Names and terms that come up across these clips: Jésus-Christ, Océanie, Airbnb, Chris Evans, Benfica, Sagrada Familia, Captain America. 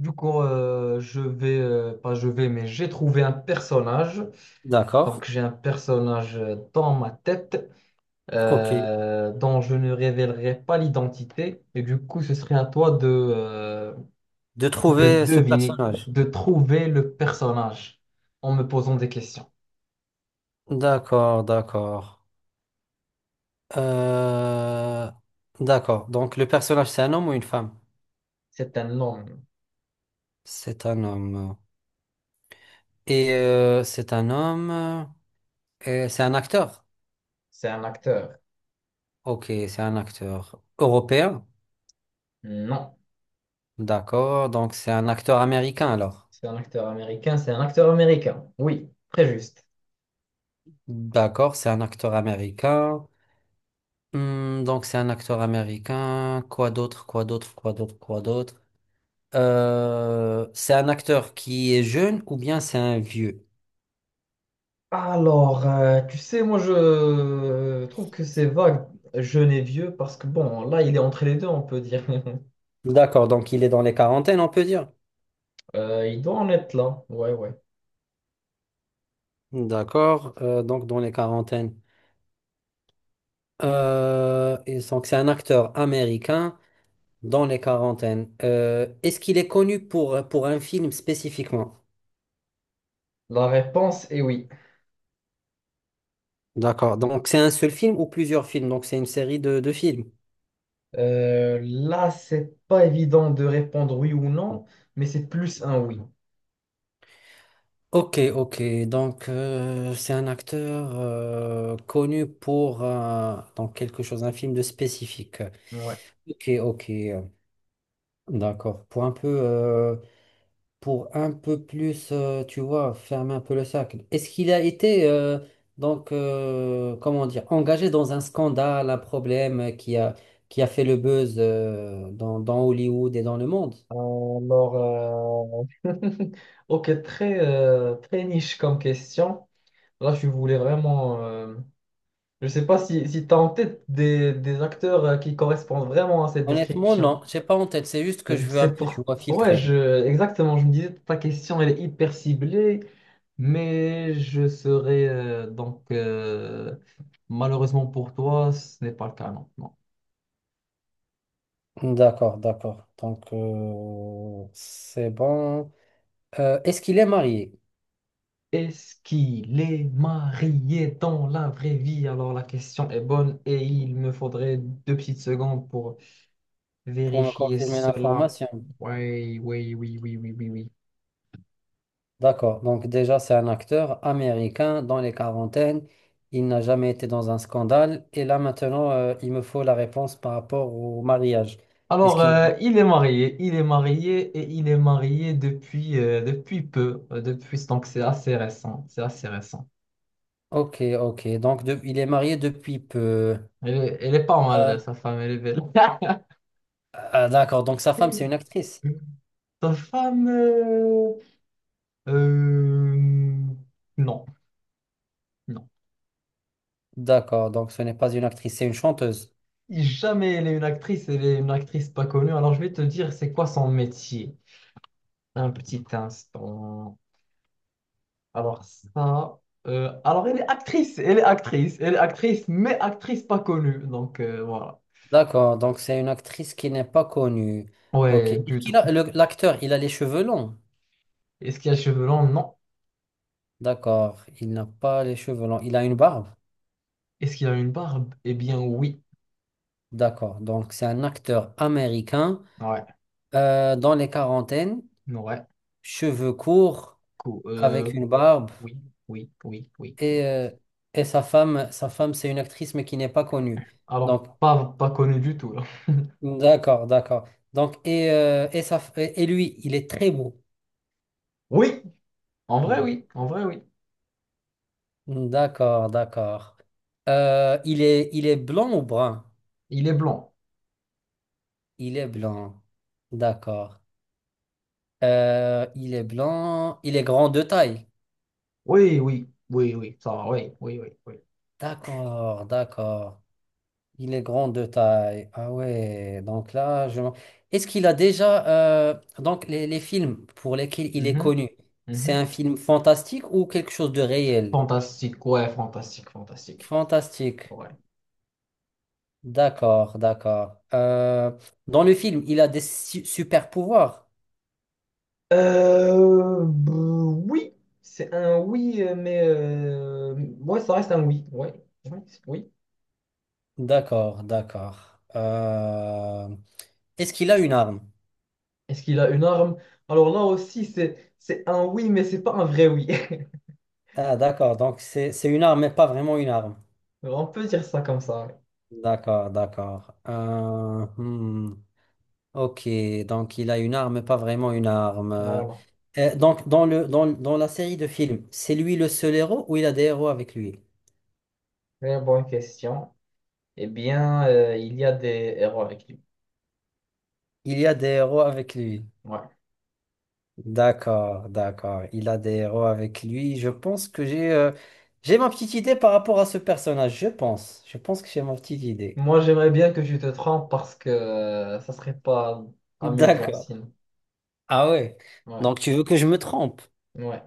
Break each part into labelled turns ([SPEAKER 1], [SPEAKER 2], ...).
[SPEAKER 1] Je vais, pas je vais, mais j'ai trouvé un personnage. Donc,
[SPEAKER 2] D'accord.
[SPEAKER 1] j'ai un personnage dans ma tête,
[SPEAKER 2] Ok.
[SPEAKER 1] dont je ne révélerai pas l'identité. Et du coup, ce serait à toi
[SPEAKER 2] De
[SPEAKER 1] de
[SPEAKER 2] trouver ce
[SPEAKER 1] deviner,
[SPEAKER 2] personnage.
[SPEAKER 1] de trouver le personnage en me posant des questions.
[SPEAKER 2] D'accord, d'accord. Euh, D'accord. Donc le personnage, c'est un homme ou une femme?
[SPEAKER 1] C'est un homme.
[SPEAKER 2] C'est un homme. Et c'est un homme. Et c'est un acteur.
[SPEAKER 1] C'est un acteur.
[SPEAKER 2] Ok, c'est un acteur européen.
[SPEAKER 1] Non.
[SPEAKER 2] D'accord. Donc c'est un acteur américain alors.
[SPEAKER 1] C'est un acteur américain. C'est un acteur américain. Oui, très juste.
[SPEAKER 2] D'accord, c'est un acteur américain. Hmm, donc c'est un acteur américain. Quoi d'autre? Quoi d'autre? Quoi d'autre? Quoi d'autre? C'est un acteur qui est jeune ou bien c'est un vieux?
[SPEAKER 1] Alors, tu sais, moi je trouve que c'est vague, jeune et vieux, parce que bon, là il est entre les deux, on peut dire.
[SPEAKER 2] D'accord, donc il est dans les quarantaines, on peut dire.
[SPEAKER 1] Il doit en être là, ouais, ouais.
[SPEAKER 2] D'accord, donc dans les quarantaines. Et donc c'est un acteur américain dans les quarantaines. Est-ce qu'il est connu pour un film spécifiquement?
[SPEAKER 1] La réponse est oui.
[SPEAKER 2] D'accord, donc c'est un seul film ou plusieurs films? Donc c'est une série de films.
[SPEAKER 1] Là, c'est pas évident de répondre oui ou non, mais c'est plus un oui.
[SPEAKER 2] Ok, ok. Donc, c'est un acteur connu pour donc quelque chose, un film de spécifique.
[SPEAKER 1] Ouais.
[SPEAKER 2] Ok, ok. D'accord. Pour un peu plus, tu vois, fermer un peu le cercle. Est-ce qu'il a été donc, comment dire, engagé dans un scandale, un problème qui a fait le buzz dans Hollywood et dans le monde?
[SPEAKER 1] Alors, ok, très, très niche comme question. Là, je voulais vraiment. Je sais pas si, si tu as en tête des acteurs qui correspondent vraiment à cette
[SPEAKER 2] Honnêtement,
[SPEAKER 1] description.
[SPEAKER 2] non. J'ai pas en tête. C'est juste que je veux un
[SPEAKER 1] C'est
[SPEAKER 2] peu, tu
[SPEAKER 1] pour...
[SPEAKER 2] vois,
[SPEAKER 1] Ouais,
[SPEAKER 2] filtrer.
[SPEAKER 1] je... Exactement. Je me disais, ta question, elle est hyper ciblée, mais je serais malheureusement pour toi, ce n'est pas le cas, non. Non.
[SPEAKER 2] D'accord, d'accord. Donc, c'est bon. Est-ce qu'il est marié?
[SPEAKER 1] Est-ce qu'il est marié dans la vraie vie? Alors la question est bonne et il me faudrait deux petites secondes pour
[SPEAKER 2] Pour me
[SPEAKER 1] vérifier
[SPEAKER 2] confirmer
[SPEAKER 1] cela.
[SPEAKER 2] l'information.
[SPEAKER 1] Oui, oui, oui, oui, oui, oui, oui.
[SPEAKER 2] D'accord. Donc, déjà, c'est un acteur américain dans les quarantaines. Il n'a jamais été dans un scandale. Et là, maintenant, il me faut la réponse par rapport au mariage. Est-ce
[SPEAKER 1] Alors,
[SPEAKER 2] qu'il...
[SPEAKER 1] il est marié et il est marié depuis, depuis peu, depuis, donc c'est assez récent, c'est assez récent.
[SPEAKER 2] Ok, ok. Donc, il est marié depuis peu.
[SPEAKER 1] Elle est pas
[SPEAKER 2] Euh,
[SPEAKER 1] mal, sa femme, elle est belle.
[SPEAKER 2] ah, d'accord. Donc, sa femme, c'est une actrice.
[SPEAKER 1] Sa femme, euh, non, non.
[SPEAKER 2] D'accord. Donc, ce n'est pas une actrice, c'est une chanteuse.
[SPEAKER 1] Jamais elle est une actrice, elle est une actrice pas connue. Alors, je vais te dire, c'est quoi son métier? Un petit instant. Alors, ça, alors elle est actrice, elle est actrice, elle est actrice, mais actrice pas connue, donc voilà.
[SPEAKER 2] D'accord, donc c'est une actrice qui n'est pas connue. Ok.
[SPEAKER 1] Ouais,
[SPEAKER 2] Et
[SPEAKER 1] plutôt.
[SPEAKER 2] L'acteur, il a les cheveux longs.
[SPEAKER 1] Est-ce qu'il a les cheveux longs? Non.
[SPEAKER 2] D'accord, il n'a pas les cheveux longs. Il a une barbe.
[SPEAKER 1] Est-ce qu'il a une barbe? Eh bien, oui.
[SPEAKER 2] D'accord, donc c'est un acteur américain
[SPEAKER 1] Ouais,
[SPEAKER 2] dans les quarantaines,
[SPEAKER 1] ouais.
[SPEAKER 2] cheveux courts,
[SPEAKER 1] Cool.
[SPEAKER 2] avec une barbe.
[SPEAKER 1] Oui, oui, oui, oui,
[SPEAKER 2] Et,
[SPEAKER 1] oui.
[SPEAKER 2] euh, et sa femme, c'est une actrice mais qui n'est pas connue.
[SPEAKER 1] Alors,
[SPEAKER 2] Donc,
[SPEAKER 1] pas, pas connu du tout, là.
[SPEAKER 2] d'accord, d'accord. Donc, et, et lui, il est très beau.
[SPEAKER 1] Oui! En vrai, oui. En vrai, oui.
[SPEAKER 2] D'accord, d'accord. Il est blanc ou brun?
[SPEAKER 1] Il est blanc.
[SPEAKER 2] Il est blanc. D'accord. Il est blanc. Il est grand de taille.
[SPEAKER 1] Oui, oui, oui, oui. Ça va, oui, oui, oui, oui.
[SPEAKER 2] D'accord, d'accord. Il est grand de taille. Ah ouais, donc là, Est-ce qu'il a déjà... Donc, les films pour lesquels il est
[SPEAKER 1] Mhm,
[SPEAKER 2] connu, c'est
[SPEAKER 1] mhm.
[SPEAKER 2] un film fantastique ou quelque chose de réel?
[SPEAKER 1] Fantastique, ouais, fantastique, fantastique.
[SPEAKER 2] Fantastique.
[SPEAKER 1] Ouais.
[SPEAKER 2] D'accord, d'accord. Dans le film, il a des super pouvoirs.
[SPEAKER 1] Euh, bah, oui. C'est un oui, ouais, ça reste un oui. Ouais, oui.
[SPEAKER 2] D'accord, d'accord. Est-ce qu'il a une arme?
[SPEAKER 1] Est-ce qu'il a une arme? Alors là aussi, c'est un oui, mais c'est pas un vrai oui.
[SPEAKER 2] Ah, d'accord, donc c'est une arme, mais pas vraiment une arme.
[SPEAKER 1] On peut dire ça comme ça. Ouais.
[SPEAKER 2] D'accord, d'accord. Ok, donc il a une arme, mais pas vraiment une arme.
[SPEAKER 1] Voilà.
[SPEAKER 2] Donc dans dans la série de films, c'est lui le seul héros ou il a des héros avec lui?
[SPEAKER 1] Très bonne question. Eh bien, il y a des erreurs écrites.
[SPEAKER 2] Il y a des héros avec lui.
[SPEAKER 1] Ouais.
[SPEAKER 2] D'accord, d'accord. Il a des héros avec lui. Je pense que j'ai ma petite idée par rapport à ce personnage. Je pense. Je pense que j'ai ma petite idée.
[SPEAKER 1] Moi, j'aimerais bien que tu te trompes parce que ça serait pas amusant
[SPEAKER 2] D'accord.
[SPEAKER 1] sinon.
[SPEAKER 2] Ah ouais.
[SPEAKER 1] Ouais.
[SPEAKER 2] Donc tu veux que je me trompe.
[SPEAKER 1] Ouais.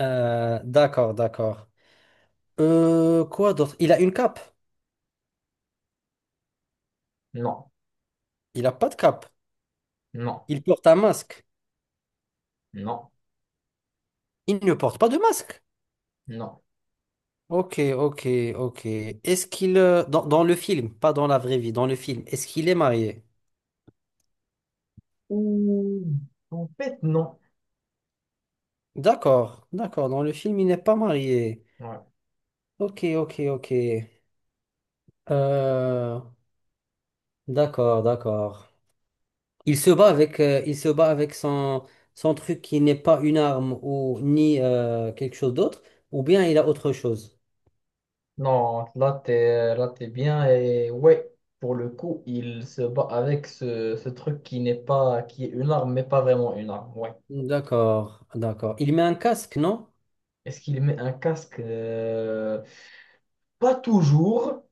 [SPEAKER 2] D'accord, d'accord. Quoi d'autre? Il a une cape.
[SPEAKER 1] Non.
[SPEAKER 2] Il a pas de cape.
[SPEAKER 1] Non.
[SPEAKER 2] Il porte un masque.
[SPEAKER 1] Non.
[SPEAKER 2] Il ne porte pas de masque.
[SPEAKER 1] Non.
[SPEAKER 2] Ok, ok, ok. Dans, dans le film, pas dans la vraie vie, dans le film, est-ce qu'il est marié?
[SPEAKER 1] Ouh. En fait, non.
[SPEAKER 2] D'accord, d'accord. Dans le film, il n'est pas marié.
[SPEAKER 1] Ouais.
[SPEAKER 2] Ok, ok, ok. Euh, d'accord, d'accord. Il se bat avec, il se bat avec son truc qui n'est pas une arme ou ni quelque chose d'autre, ou bien il a autre chose.
[SPEAKER 1] Non, là, t'es bien. Et ouais, pour le coup, il se bat avec ce truc qui n'est pas, qui est une arme, mais pas vraiment une arme. Ouais.
[SPEAKER 2] D'accord, d'accord. Il met un casque, non?
[SPEAKER 1] Est-ce qu'il met un casque? Pas toujours,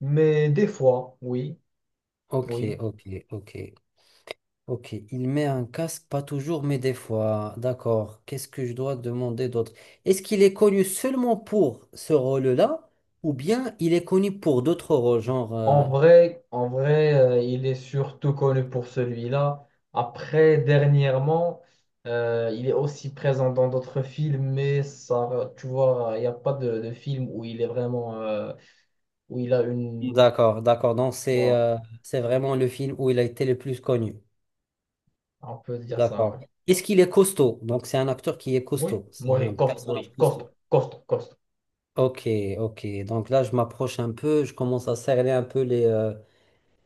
[SPEAKER 1] mais des fois, oui,
[SPEAKER 2] Ok,
[SPEAKER 1] oui.
[SPEAKER 2] ok, ok, ok. Il met un casque, pas toujours, mais des fois. D'accord. Qu'est-ce que je dois demander d'autre? Est-ce qu'il est connu seulement pour ce rôle-là, ou bien il est connu pour d'autres rôles,
[SPEAKER 1] En vrai, il est surtout connu pour celui-là. Après, dernièrement, il est aussi présent dans d'autres films, mais ça, tu vois, il n'y a pas de, de film où il est vraiment, où il a une
[SPEAKER 2] D'accord, d'accord. Donc
[SPEAKER 1] voilà,
[SPEAKER 2] c'est vraiment le film où il a été le plus connu.
[SPEAKER 1] on peut se dire ça, ouais.
[SPEAKER 2] D'accord. Est-ce qu'il est costaud? Donc, c'est un acteur qui est
[SPEAKER 1] Oui,
[SPEAKER 2] costaud. C'est un personnage
[SPEAKER 1] oui, costaud,
[SPEAKER 2] costaud.
[SPEAKER 1] costaud, costaud.
[SPEAKER 2] Ok, ok. Donc là, je m'approche un peu. Je commence à cerner un peu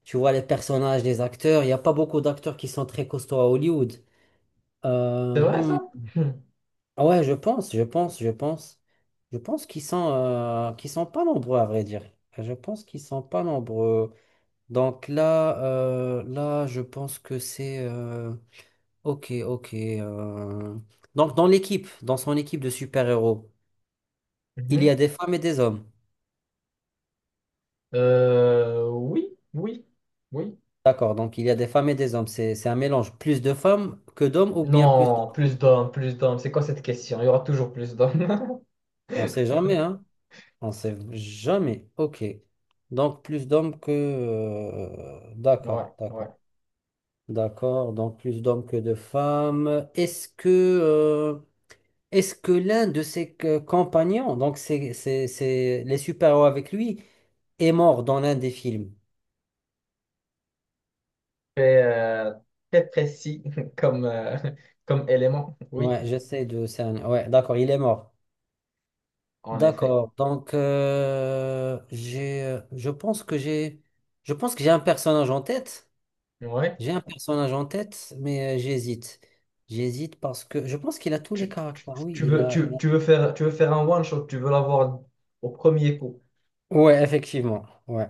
[SPEAKER 2] tu vois, les personnages, les acteurs. Il n'y a pas beaucoup d'acteurs qui sont très costauds à Hollywood.
[SPEAKER 1] C'est
[SPEAKER 2] Euh,
[SPEAKER 1] vrai,
[SPEAKER 2] hmm.
[SPEAKER 1] ça? Hmm.
[SPEAKER 2] Ah ouais, je pense. Je pense qu'ils sont pas nombreux, à vrai dire. Je pense qu'ils sont pas nombreux. Donc là, je pense que Ok, ok. Donc dans l'équipe, dans son équipe de super-héros, il y
[SPEAKER 1] Mhm.
[SPEAKER 2] a des femmes et des hommes.
[SPEAKER 1] Oui, oui, oui.
[SPEAKER 2] D'accord, donc il y a des femmes et des hommes. C'est un mélange. Plus de femmes que d'hommes ou bien plus
[SPEAKER 1] Non,
[SPEAKER 2] d'hommes.
[SPEAKER 1] plus d'hommes, plus d'hommes. C'est quoi cette question? Il y aura toujours plus d'hommes.
[SPEAKER 2] On sait jamais, hein? On sait jamais. Ok. Donc plus d'hommes
[SPEAKER 1] Ouais,
[SPEAKER 2] D'accord, d'accord.
[SPEAKER 1] ouais.
[SPEAKER 2] D'accord, donc plus d'hommes que de femmes. Est-ce que l'un de ses compagnons, donc c'est les super-héros avec lui, est mort dans l'un des films?
[SPEAKER 1] Très, très précis comme, comme élément. Oui,
[SPEAKER 2] Ouais, j'essaie de cerner. Ouais, d'accord, il est mort.
[SPEAKER 1] en effet.
[SPEAKER 2] D'accord. Donc j'ai je pense que j'ai un personnage en tête.
[SPEAKER 1] Ouais.
[SPEAKER 2] J'ai un personnage en tête, mais j'hésite. J'hésite parce que je pense qu'il a tous les
[SPEAKER 1] Tu, tu,
[SPEAKER 2] caractères. Oui, il a-
[SPEAKER 1] tu veux faire un one shot, tu veux l'avoir au premier coup.
[SPEAKER 2] Ouais, effectivement. Ouais.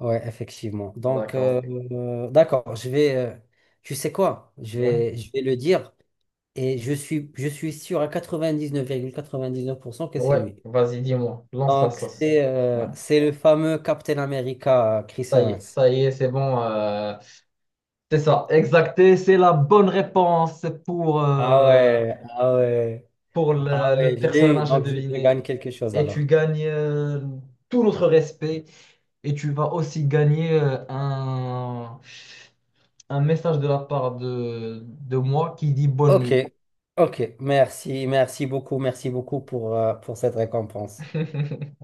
[SPEAKER 2] Ouais, effectivement.
[SPEAKER 1] Bon,
[SPEAKER 2] Donc
[SPEAKER 1] d'accord, ok.
[SPEAKER 2] d'accord, je vais tu sais quoi?
[SPEAKER 1] Ouais.
[SPEAKER 2] Je vais le dire et je suis sûr à 99,99% que c'est
[SPEAKER 1] Ouais,
[SPEAKER 2] lui.
[SPEAKER 1] vas-y, dis-moi, lance la
[SPEAKER 2] Donc,
[SPEAKER 1] sauce. Ouais.
[SPEAKER 2] c'est le fameux Captain America, Chris Evans.
[SPEAKER 1] Ça y est, c'est bon. C'est ça, exacté, c'est la bonne réponse
[SPEAKER 2] Ah ouais, ah ouais,
[SPEAKER 1] pour
[SPEAKER 2] ah
[SPEAKER 1] le
[SPEAKER 2] ouais, je l'ai eu.
[SPEAKER 1] personnage à
[SPEAKER 2] Donc, je
[SPEAKER 1] deviner.
[SPEAKER 2] gagne quelque chose
[SPEAKER 1] Et
[SPEAKER 2] alors.
[SPEAKER 1] tu gagnes tout notre respect et tu vas aussi gagner un message de la part de moi qui dit bonne
[SPEAKER 2] Ok,
[SPEAKER 1] nuit.
[SPEAKER 2] ok, merci beaucoup pour cette récompense.